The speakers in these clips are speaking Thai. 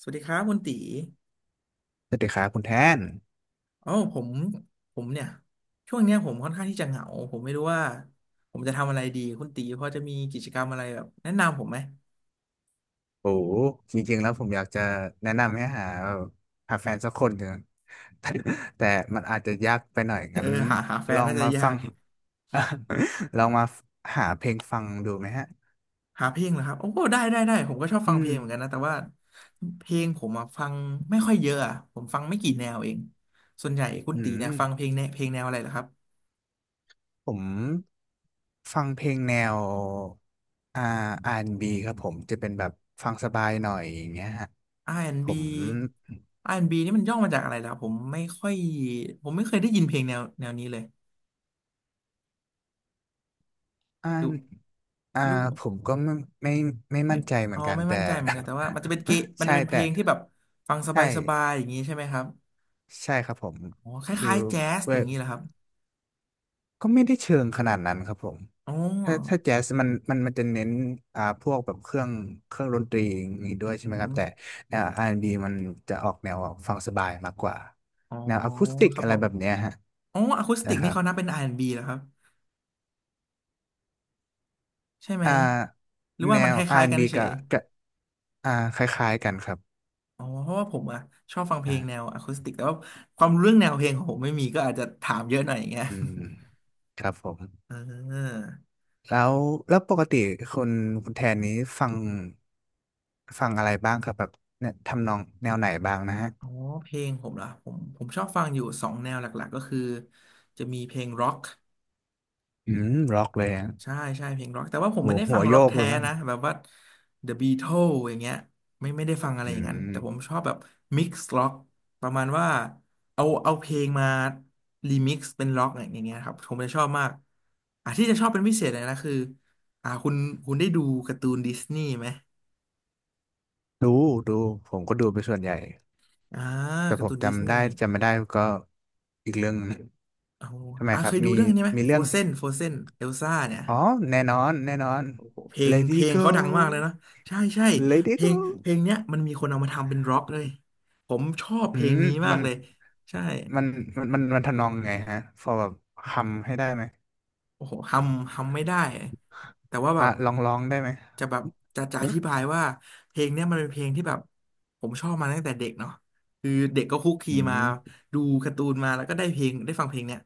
สวัสดีครับคุณตีสวัสดีครับคุณแทนอ๋อผมเนี่ยช่วงเนี้ยผมค่อนข้างที่จะเหงาผมไม่รู้ว่าผมจะทำอะไรดีคุณตีพอจะมีกิจกรรมอะไรแบบแนะนำผมไหม โอ้โหจริงๆแล้วผมอยากจะแนะนำให้หาแฟนสักคนหนึ่ง แต่แต่มันอาจจะยากไปหน่อย เอองั้นหาแฟลนองน่าจะมายาฟัง ก ลองมาหาเพลงฟังดูไหมฮะ หาเพลงเหรอครับโอ้ได้ได้ได้ผมก็ชอบอืฟังเพมลงเหมือนกันนะแต่ว่าเพลงผมอะฟังไม่ค่อยเยอะอะผมฟังไม่กี่แนวเองส่วนใหญ่คุณอืตีมเนี่ยฟังเพลงแนวเพลงแนวอะไรเหรอครับ ผมฟังเพลงแนวอ่า R&B ครับผม จะเป็นแบบฟังสบายหน่อยอย่างเงี้ยฮะ ผม R&B R&B นด์บีอาร์แอนด์บีนี่มันย่อมาจากอะไรล่ะผมไม่ค่อยผมไม่เคยได้ยินเพลงแนวนี้เลยอ่ดูาอ่ารู้ ผมก็ไม่ไม่ไม่มั่นใจเหมือ๋ออนกันไม่แต่ มั่นใจเหมือนกันแต่ว่ามันจะเป็นมันใช่จะเป็นเพแต่ ลงที่แบบฟังสใช่ บายๆอย่างนี้ใช่ไหมครับใช่ครับผมอ๋อคคือล้ายๆแจ๊สอเว้ย่ายงนี้เหรอครับก็ไม่ได้เชิงขนาดนั้นครับผมอ๋อถ้าแจ๊สมันจะเน้นพวกแบบเครื่องเครื่องดนตรีอย่างนี้ด้วยใช่อืไหมครับมแต่แนว R&B มันจะออกแนวฟังสบายมากกว่าอ๋อแนวอะคูสติกครับอะผไรมแบบเนี้ยฮะอ๋ออะคูสใช่ติกคนี่รับเขานับเป็น R&B เหรอครับใช่ไหมอ่าหรือแนว่ามันว คล้ายๆกัน R&B เฉกัยบกับอ่าคล้ายๆกันครับๆอ๋อเพราะว่าผมอะชอบฟังเพใช่ลงแนวอะคูสติกแต่ว่าความรู้เรื่องแนวเพลงของผมไม่มีก็อาจจะถามเยอะหน่อยอย่างเงี้ย อืมครับผม เออแล้วปกติคุณคุณแทนนี้ฟัง ฟังอะไรบ้างครับแบบเนี่ยทำนองแนวไหนบ้างนะฮะอ๋อเพลงผมเหรอผมชอบฟังอยู่สองแนวหลักๆก็คือจะมีเพลงร็อก อืมร็อกเลยอะใช่ใช่เพลงร็อกแต่ว่าผมโหไม่ได้หัฟังวโยร็อกกเลแท้ยมั้งนะแบบว่า The Beatles อย่างเงี้ยไม่ได้ฟังอะไรอือย่างนั้นแต่ผมมชอบแบบมิกซ์ร็อกประมาณว่าเอาเพลงมารีมิกซ์เป็นร็อกอย่างเงี้ยครับผมจะชอบมากอ่ะที่จะชอบเป็นพิเศษเลยนะคืออ่าคุณคุณได้ดูการ์ตูนดิสนีย์ไหมดูดู ผมก็ดูไปส่วนใหญ่ อ่าแต่กาผร์ตูมนดิสจำนีได้ย์จำไม่ได้ก็อีกเรื่องหนึงโอ้โหทำไมคเครับยดูมีเรื่องนี้ไหมมีโฟเรื่อง เซนโฟเซนเอลซ่าเนี่ย อ๋อ แน่นอน แน่นอน โอ้โหเพลงเพ Lady ลง Go เขาดังมากเลยนะใช่ใช่เพ Lady ลงเพ Go ลงเนี้ยมันมีคนเอามาทำเป็นร็อกเลยผมชอบอืเพลงมนี้มามักนเลยใช่ มันมันมันทำนองไงฮะพอแบบคำให้ได้ไหมโอ้โหทำไม่ได้แต่ว่าแบอ่ะบลองได้ไหมจะแบบจะอธิอบายว่าเพลงเนี้ยมันเป็นเพลงที่แบบผมชอบมาตั้งแต่เด็กเนาะคือเด็กก็คุกคีืมามดูการ์ตูนมาแล้วก็ได้เพลงได้ฟังเพลงเนี้ย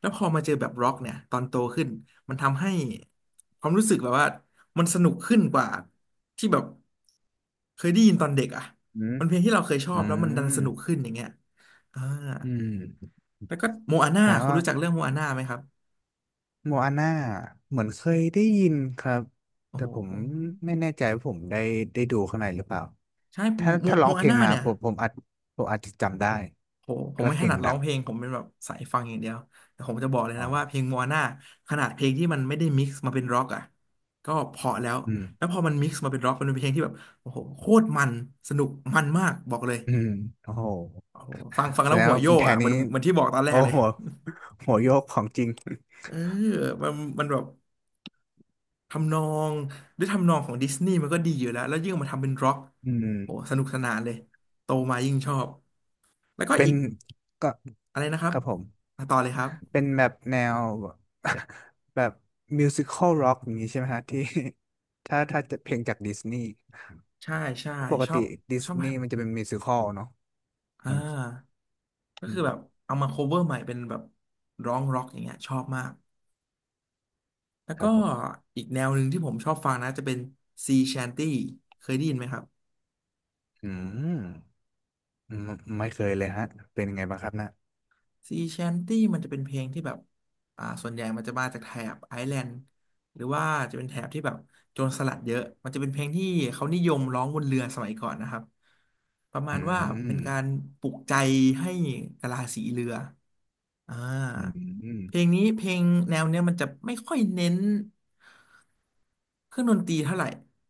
แล้วพอมาเจอแบบร็อกเนี่ยตอนโตขึ้นมันทำให้ความรู้สึกแบบว่ามันสนุกขึ้นกว่าที่แบบเคยได้ยินตอนเด็กอ่ะอืมมันเพลงที่เราเคยชออืบแล้วมันดันสมนุกขึ้นอย่างเงี้ยอ่าอืมแล้วก็โมอาน่าแต่คุณว่า รู้จักเรื่องโมอาน่าไหมครับโมอาน่าเหมือนเคยได้ยินครับ โอ้แต่โห ผมไม่แน่ใจว่าผมได้ดูข้างในหรือเปล่าใช่ถ้าโมถ้าร้อโมงเพอาลงน่ามาเนี่ยผมอาจผมอาจจะจำได้โหผมถ้าไม่เพถลนังดร้ดัองง เพลงผมเป็นแบบสายฟังอย่างเดียวแต่ผมจะบอกเลยอ๋อนะว่าเพลงโมอาน่าขนาดเพลงที่มันไม่ได้มิกซ์มาเป็นร็อกอ่ะก็เพราะแล้วอืมแล้วพอมันมิกซ์มาเป็นร็อกมันเป็นเพลงที่แบบโอ้โหโคตรมันสนุกมันมากบอกเลยอืมโอ้โหโอ้โหฟังฟังแสแล้วดงหัวว่าโยคุณกแทอ่ะนเหมันี้ นเหมันที่บอกตอนแรโอ้กเลยโห หัวโยกของจริงเออมันมันแบบทำนองด้วยทำนองของดิสนีย์มันก็ดีอยู่แล้วแล้วยิ่งมาทำเป็นร็อกอืโหมสนุกสนานเลยโตมายิ่งชอบแล้วก็เป็นอีกก็อะไรนะครัคบรับผม มาต่อเลยครับ เป็นแบบแนว แบบมิวสิคอลร็อกอย่างนี้ใช่ไหมฮะที่ ถ้าจะเพลงจากดิสนีย์ ใช่ใช่ปกชอติบดิสชอบแบนีบย์มันจะเป็นมิวสิคอลเนาะอ่มันาก็อืคือแบบมเอามา cover ใหม่เป็นแบบร้องร็อกอย่างเงี้ยชอบมากแล้วคก็รับผมอีกแนวหนึ่งที่ผมชอบฟังนะจะเป็น Sea Shanty เคยได้ยินไหมครับ อืมไม่ไม่เคยเลยฮะเป็นยังไงบ้างครับนะ Sea Shanty มันจะเป็นเพลงที่แบบส่วนใหญ่มันจะมาจากแถบไอร์แลนด์หรือว่าจะเป็นแถบที่แบบโจรสลัดเยอะมันจะเป็นเพลงที่เขานิยมร้องบนเรือสมัยก่อนนะครับประมาอืณว่ามเป็นการปลุกใจให้กะลาสีเรือ อ่าอืมเพลงนี้เพลงแนวเนี้ยมันจะไม่ค่อยเน้นเครื่องดนตรีเท่าไหร่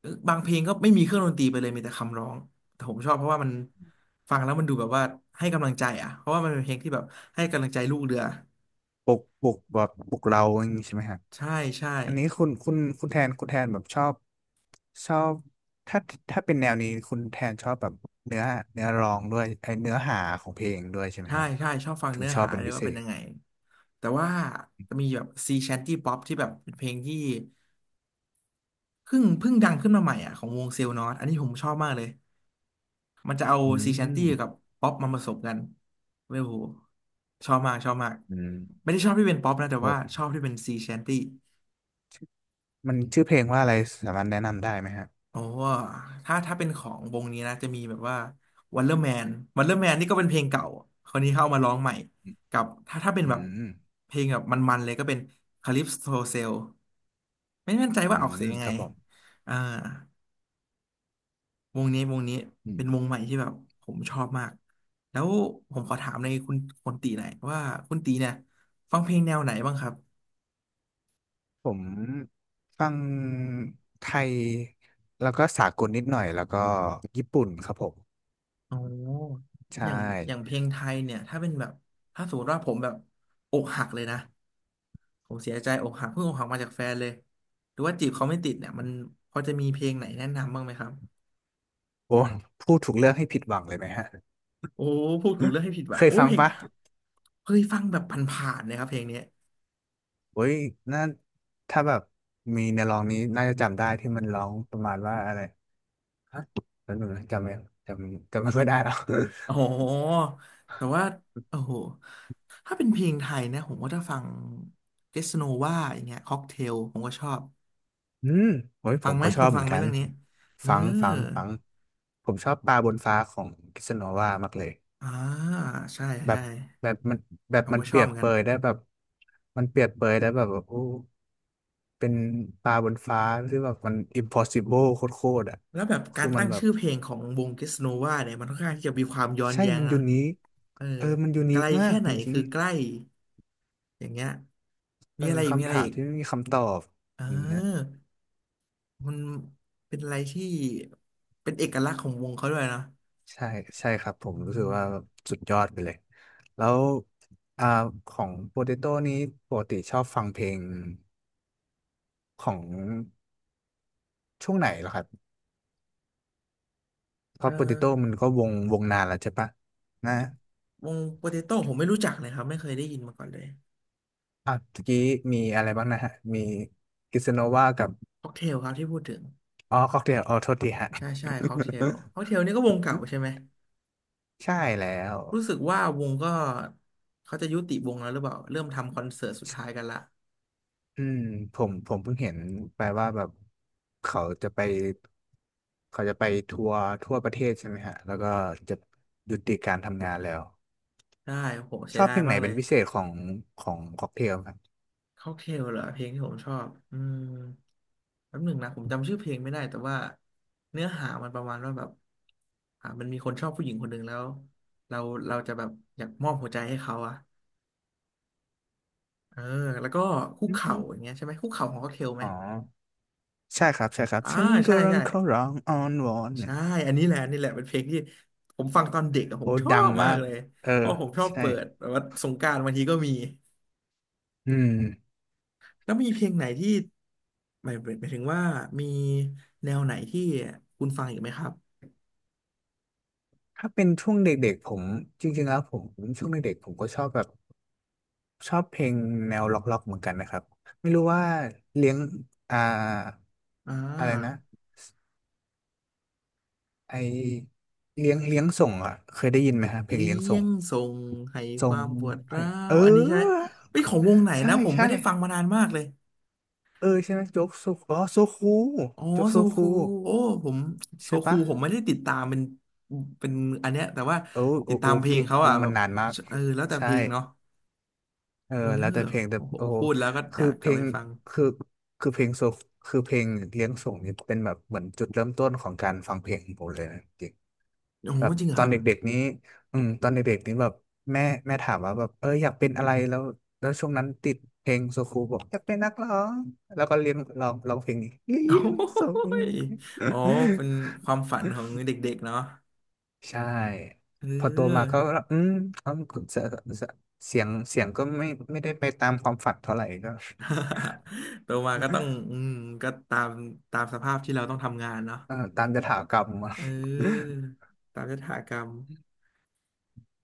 เออบางเพลงก็ไม่มีเครื่องดนตรีไปเลยมีแต่คำร้องแต่ผมชอบเพราะว่ามันฟังแล้วมันดูแบบว่าให้กำลังใจอ่ะเพราะว่ามันเป็นเพลงที่แบบให้กำลังใจลูกเรือปลุกแบบปลุกเราอย่างนี้ใช่ไหมฮะใช่ใช่อันนี้คุณคุณแทนคุณแทนแบบชอบชอบถ้าถ้าเป็นแนวนี้คุณแทนชอบแบบเนื้อเนื้อร้องด้วยไอเนื้อหาของเพลงด้วยใช่ไหมใช่ฮะใช่ชอบฟังถึงเนื้อชอบหาเป็นเลยพิเศว่าเป็นษยังไงแต่ว่าจะมีแบบซีแชนตี้ป๊อปที่แบบเป็นเพลงที่เพิ่งดังขึ้นมาใหม่อ่ะของวงเซลล์นอตอันนี้ผมชอบมากเลย มันจะเอาอืซีแชนตี้มกับป๊อปมาผสมกันเว้ยโหชอบมากชอบมากอืมไม่ได้ชอบที่เป็นป๊อปนะแต่โอว่าช้อบที่เป็นซีแชนตี้มันชื่อเพลงว่าอะไรสามารถแนะนำได้ไหมฮะโอ้ถ้าเป็นของวงนี้นะจะมีแบบว่าวันเลอร์แมนวันเลอร์แมนนี่ก็เป็นเพลงเก่าคนนี้เข้าเอามาร้องใหม่กับถ้าเป็นอืแบบม เพลงแบบมันๆเลยก็เป็นคาลิปโซเซลไม่แน่นใจอืว่าออกมเสียงยังคไงรับผมอ่า วงนี้อืเป็นวมงใหม่ที่แบบผมชอบมากแล้วผมขอถามในคุณคุณตีหน่อยว่าคุณตีเนี่ยฟังเพลงแนวไหนบ้างครับผมฟังไทยแล้วก็สากลนิดหน่อยแล้วก็ญี่ปุ่นครับผมโอ้อใช่ย่างอย่างเพลงไทยเนี่ยถ้าเป็นแบบถ้าสมมติว่าผมแบบอกหักเลยนะผมเสียใจอกหักเพิ่งอกหักมาจากแฟนเลยหรือว่าจีบเขาไม่ติดเนี่ยมันพอจะมีเพลงไหนแนะนำบ้างไหมครับโอ้พูดถูกเลือกให้ผิดหวังเลยไหมฮะโอ้พูดถูกเรื่องให้ผิดว่ะเคยโอ้ฟังเพลงปะเคยฟังแบบผ่านๆนะครับเพลงเนี้ย โอ้ยน่าถ้าแบบมีในร้องนี้น่าจะจำได้ที่มันร้องประมาณว่าอะไรฮะแล้วหนูจำไม่จำจำไม่ค่อยได้แล้ว โอ้โหแต่ว่าโอ้โหถ้าเป็นเพลงไทยนะผมก็จะฟังเกสโนวาอย่างเงี้ยค็อกเทลผมก็ชอบ อืมโอ้ยผฟังมไหม ก็ชคุอณบเหฟัมืองนไหมกันเรื่องนี้เออฟังผมชอบปลาบนฟ้าของกิสโนวามากเลย อ่า ใช่แบใช่บแบบมันแบบผมมันก็ชเปอรีบยเหบมือนเปกัน รยได้แบบมันเปรียบเปรยได้แบบโอ้เป็นปลาบนฟ้าที่แบบมัน impossible โคตรๆอ่ะแล้วแบบกาคืรอมัตั้นงแบบชื่อเพลงของวงเกสโนวาเนี่ยมันค่อนข้างที่จะมีความย้อนใช่แย้งมันนะยูนิคเออเออมันยูไกนิลคมาแค่กไหจนริงคือใกล้ อย่างเงี้ยๆเอมีออะไรอีกมีคำอะไรถามอีกที่ไม่มีคำตอบเออย่างเงี้ยอมันเป็นอะไรที่ เป็นเอกลักษณ์ของวงเขาด้วยนะใช่ใช่ครับผมอืรู้สึกม ว่าสุดยอดไปเลยแล้วอ่าของโปเตโต้นี้ปกติชอบฟังเพลงของช่วงไหนเหรอครับเพเอ่อราะโปเตโต้มันก็วงวงนานแล้วใช่ปะนะ วงโปเตโต้ผมไม่รู้จักเลยครับไม่เคยได้ยินมาก่อนเลยอ่ะเมื่อกี้มีอะไรบ้างนะฮะมีกิสโนวากับค็อกเทลครับที่พูดถึงอ๋อค็อกเทลอ๋อโทษทีฮะ ใช่ใช่ค็อกเท ลค็อกเทลนี่ก็วงเก่าใช่ไหมใช่แล้วรู้สึกว่าวงก็เขาจะยุติวงแล้วหรือเปล่าเริ่มทำคอนเสิร์ตสุดท้ายกันละอืมผมเพิ่งเห็นไปว่าแบบเขาจะไปเขาจะไปทัวร์ทั่วประเทศใช่ไหมฮะแล้วก็จะยุติการทำงานแล้วได้โหเสีชยอบดาเพยลงไหนมากเลเป็นยพิเศษของของค็อกเทลครับค็อกเทลเหรอเพลงที่ผมชอบอืมแป๊บหนึ่งนะผมจำชื่อเพลงไม่ได้แต่ว่าเนื้อหามันประมาณว่าแบบมันมีคนชอบผู้หญิงคนหนึ่งแล้วเราเราจะแบบอยากมอบหัวใจให้เขาอะ เออแล้วก็คุกอืเข่ามอย่างเงี้ยใช่ไหมคุกเข่าของค็อกเทลไหมอ๋อใช่ครับใช่ครับอ่าฉันก็ใช่รัใช่งเขาร้องอ้อนวอนเนี่ใช่ยอันนี้แหละอันนี่แหละเป็นเพลงที่ผมฟังตอนเด็กอะผโอ้มชอดังบมามากกเลยเออเพราะผมชอบใช่เปิดแบบว่าสงกรานต์บางทีก็มีอืม แล้วมีเพลงไหนที่หมายหมายถึงว่ามีแนวไหนที่คุณฟังอีกไหมครับถ้าเป็นช่วงเด็กๆผมจริงๆแล้วผมช่วงเด็กๆผมก็ชอบแบบชอบเพลงแนวล็อกๆเหมือนกันนะครับไม่รู้ว่าเลี้ยงอ่าอ่อะไรนะาไอเลี้ยงเลี้ยงส่งอ่ะเคยได้ยินไหมฮะเพลงเลี้เลี้ยงส่ยงงส่งให้คส่งวามปวดให้ร้าเอวอันนี้ใช่ไหมอเฮ้ยของวงไหนใช่นะผมใช่ไม่ได้ฟังมานานมากเลย เออใช่ไหมโจ๊กโซอ๋อโซคูอ๋อโจ๊กโซโซคูคูโอ้ผมโซใช่คูปะผมไม่ได้ติดตามเป็นเป็นอันเนี้ยแต่ว่าเออโอติดตาโอมเพลงเกะเขาอ่ะแบมันบนานมากเออแล้วแต่เพใช่ ลงเนาะเออเออแล้วแต่เพลงแต่โอ้โหโอ้โหพูดแล้วก็อคืยาอกกเพลับลไปงฟังคือคือเพลงโซคือเพลงเลี้ยงส่งนี่เป็นแบบเหมือนจุดเริ่มต้นของการฟังเพลงของผมเลยนะจริงโอ้โหแบบจริงเหรอตคอนรับ เด็กๆนี้อืมตอนเด็กๆนี้แบบแม่ถามว่าแบบเอออยากเป็นอะไรแล้วช่วงนั้นติดเพลงโซคูบอกอยากเป็นนักร้องแล้วก็เรียนร้องเพลงนี้เลี้ โอ้ยงส่ง ยโอเป็นความฝันของเด็กๆเนาะ ใช่เอพอโตมาอ ก็อืมเขาเสียเสียงก็ไม่ได้ไปตามความฝันเท่าไหร่ก็ โตมาก็ต้อง อืมก็ตามตามสภาพที่เราต้องทำงานเนาะตามยถากรรมอะเออตามยถากรรม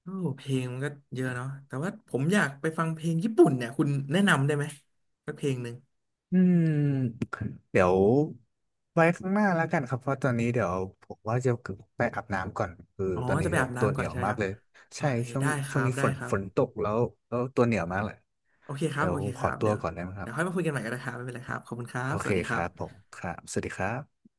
โอ้เพลงมันก็เยอะเนาะแต่ว่าผมอยากไปฟังเพลงญี่ปุ่นเนี่ย คุณแนะนำได้ไหมสักเพลงหนึ่งอืมเดี๋ยวไว้ข้างหน้าแล้วกันครับเพราะตอนนี้เดี๋ยวผมว่าจะไปอาบน้ำก่อนคืออ๋อตอนจะนี้ไปแบอาบบตัวน้ำเหก่นีอนยวใช่ไหมมาคกรับเลยโอใช่เคช่วงได้ครับ นี้ได้ฝนครับ ฝนตกแล้วตัวเหนียวมากเลยโอเคครับเดี๋ยโอวผเคมขคอรับตัวเดี๋ยวก่อนได้ไหมคเดี๋รัยวบค่อยมาคุยกันใหม่ก็ได้ครับไม่เป็นไรครับขอบคุณครัโอบ สเควัสดีคครัรับผบมครับสวัสดีครับ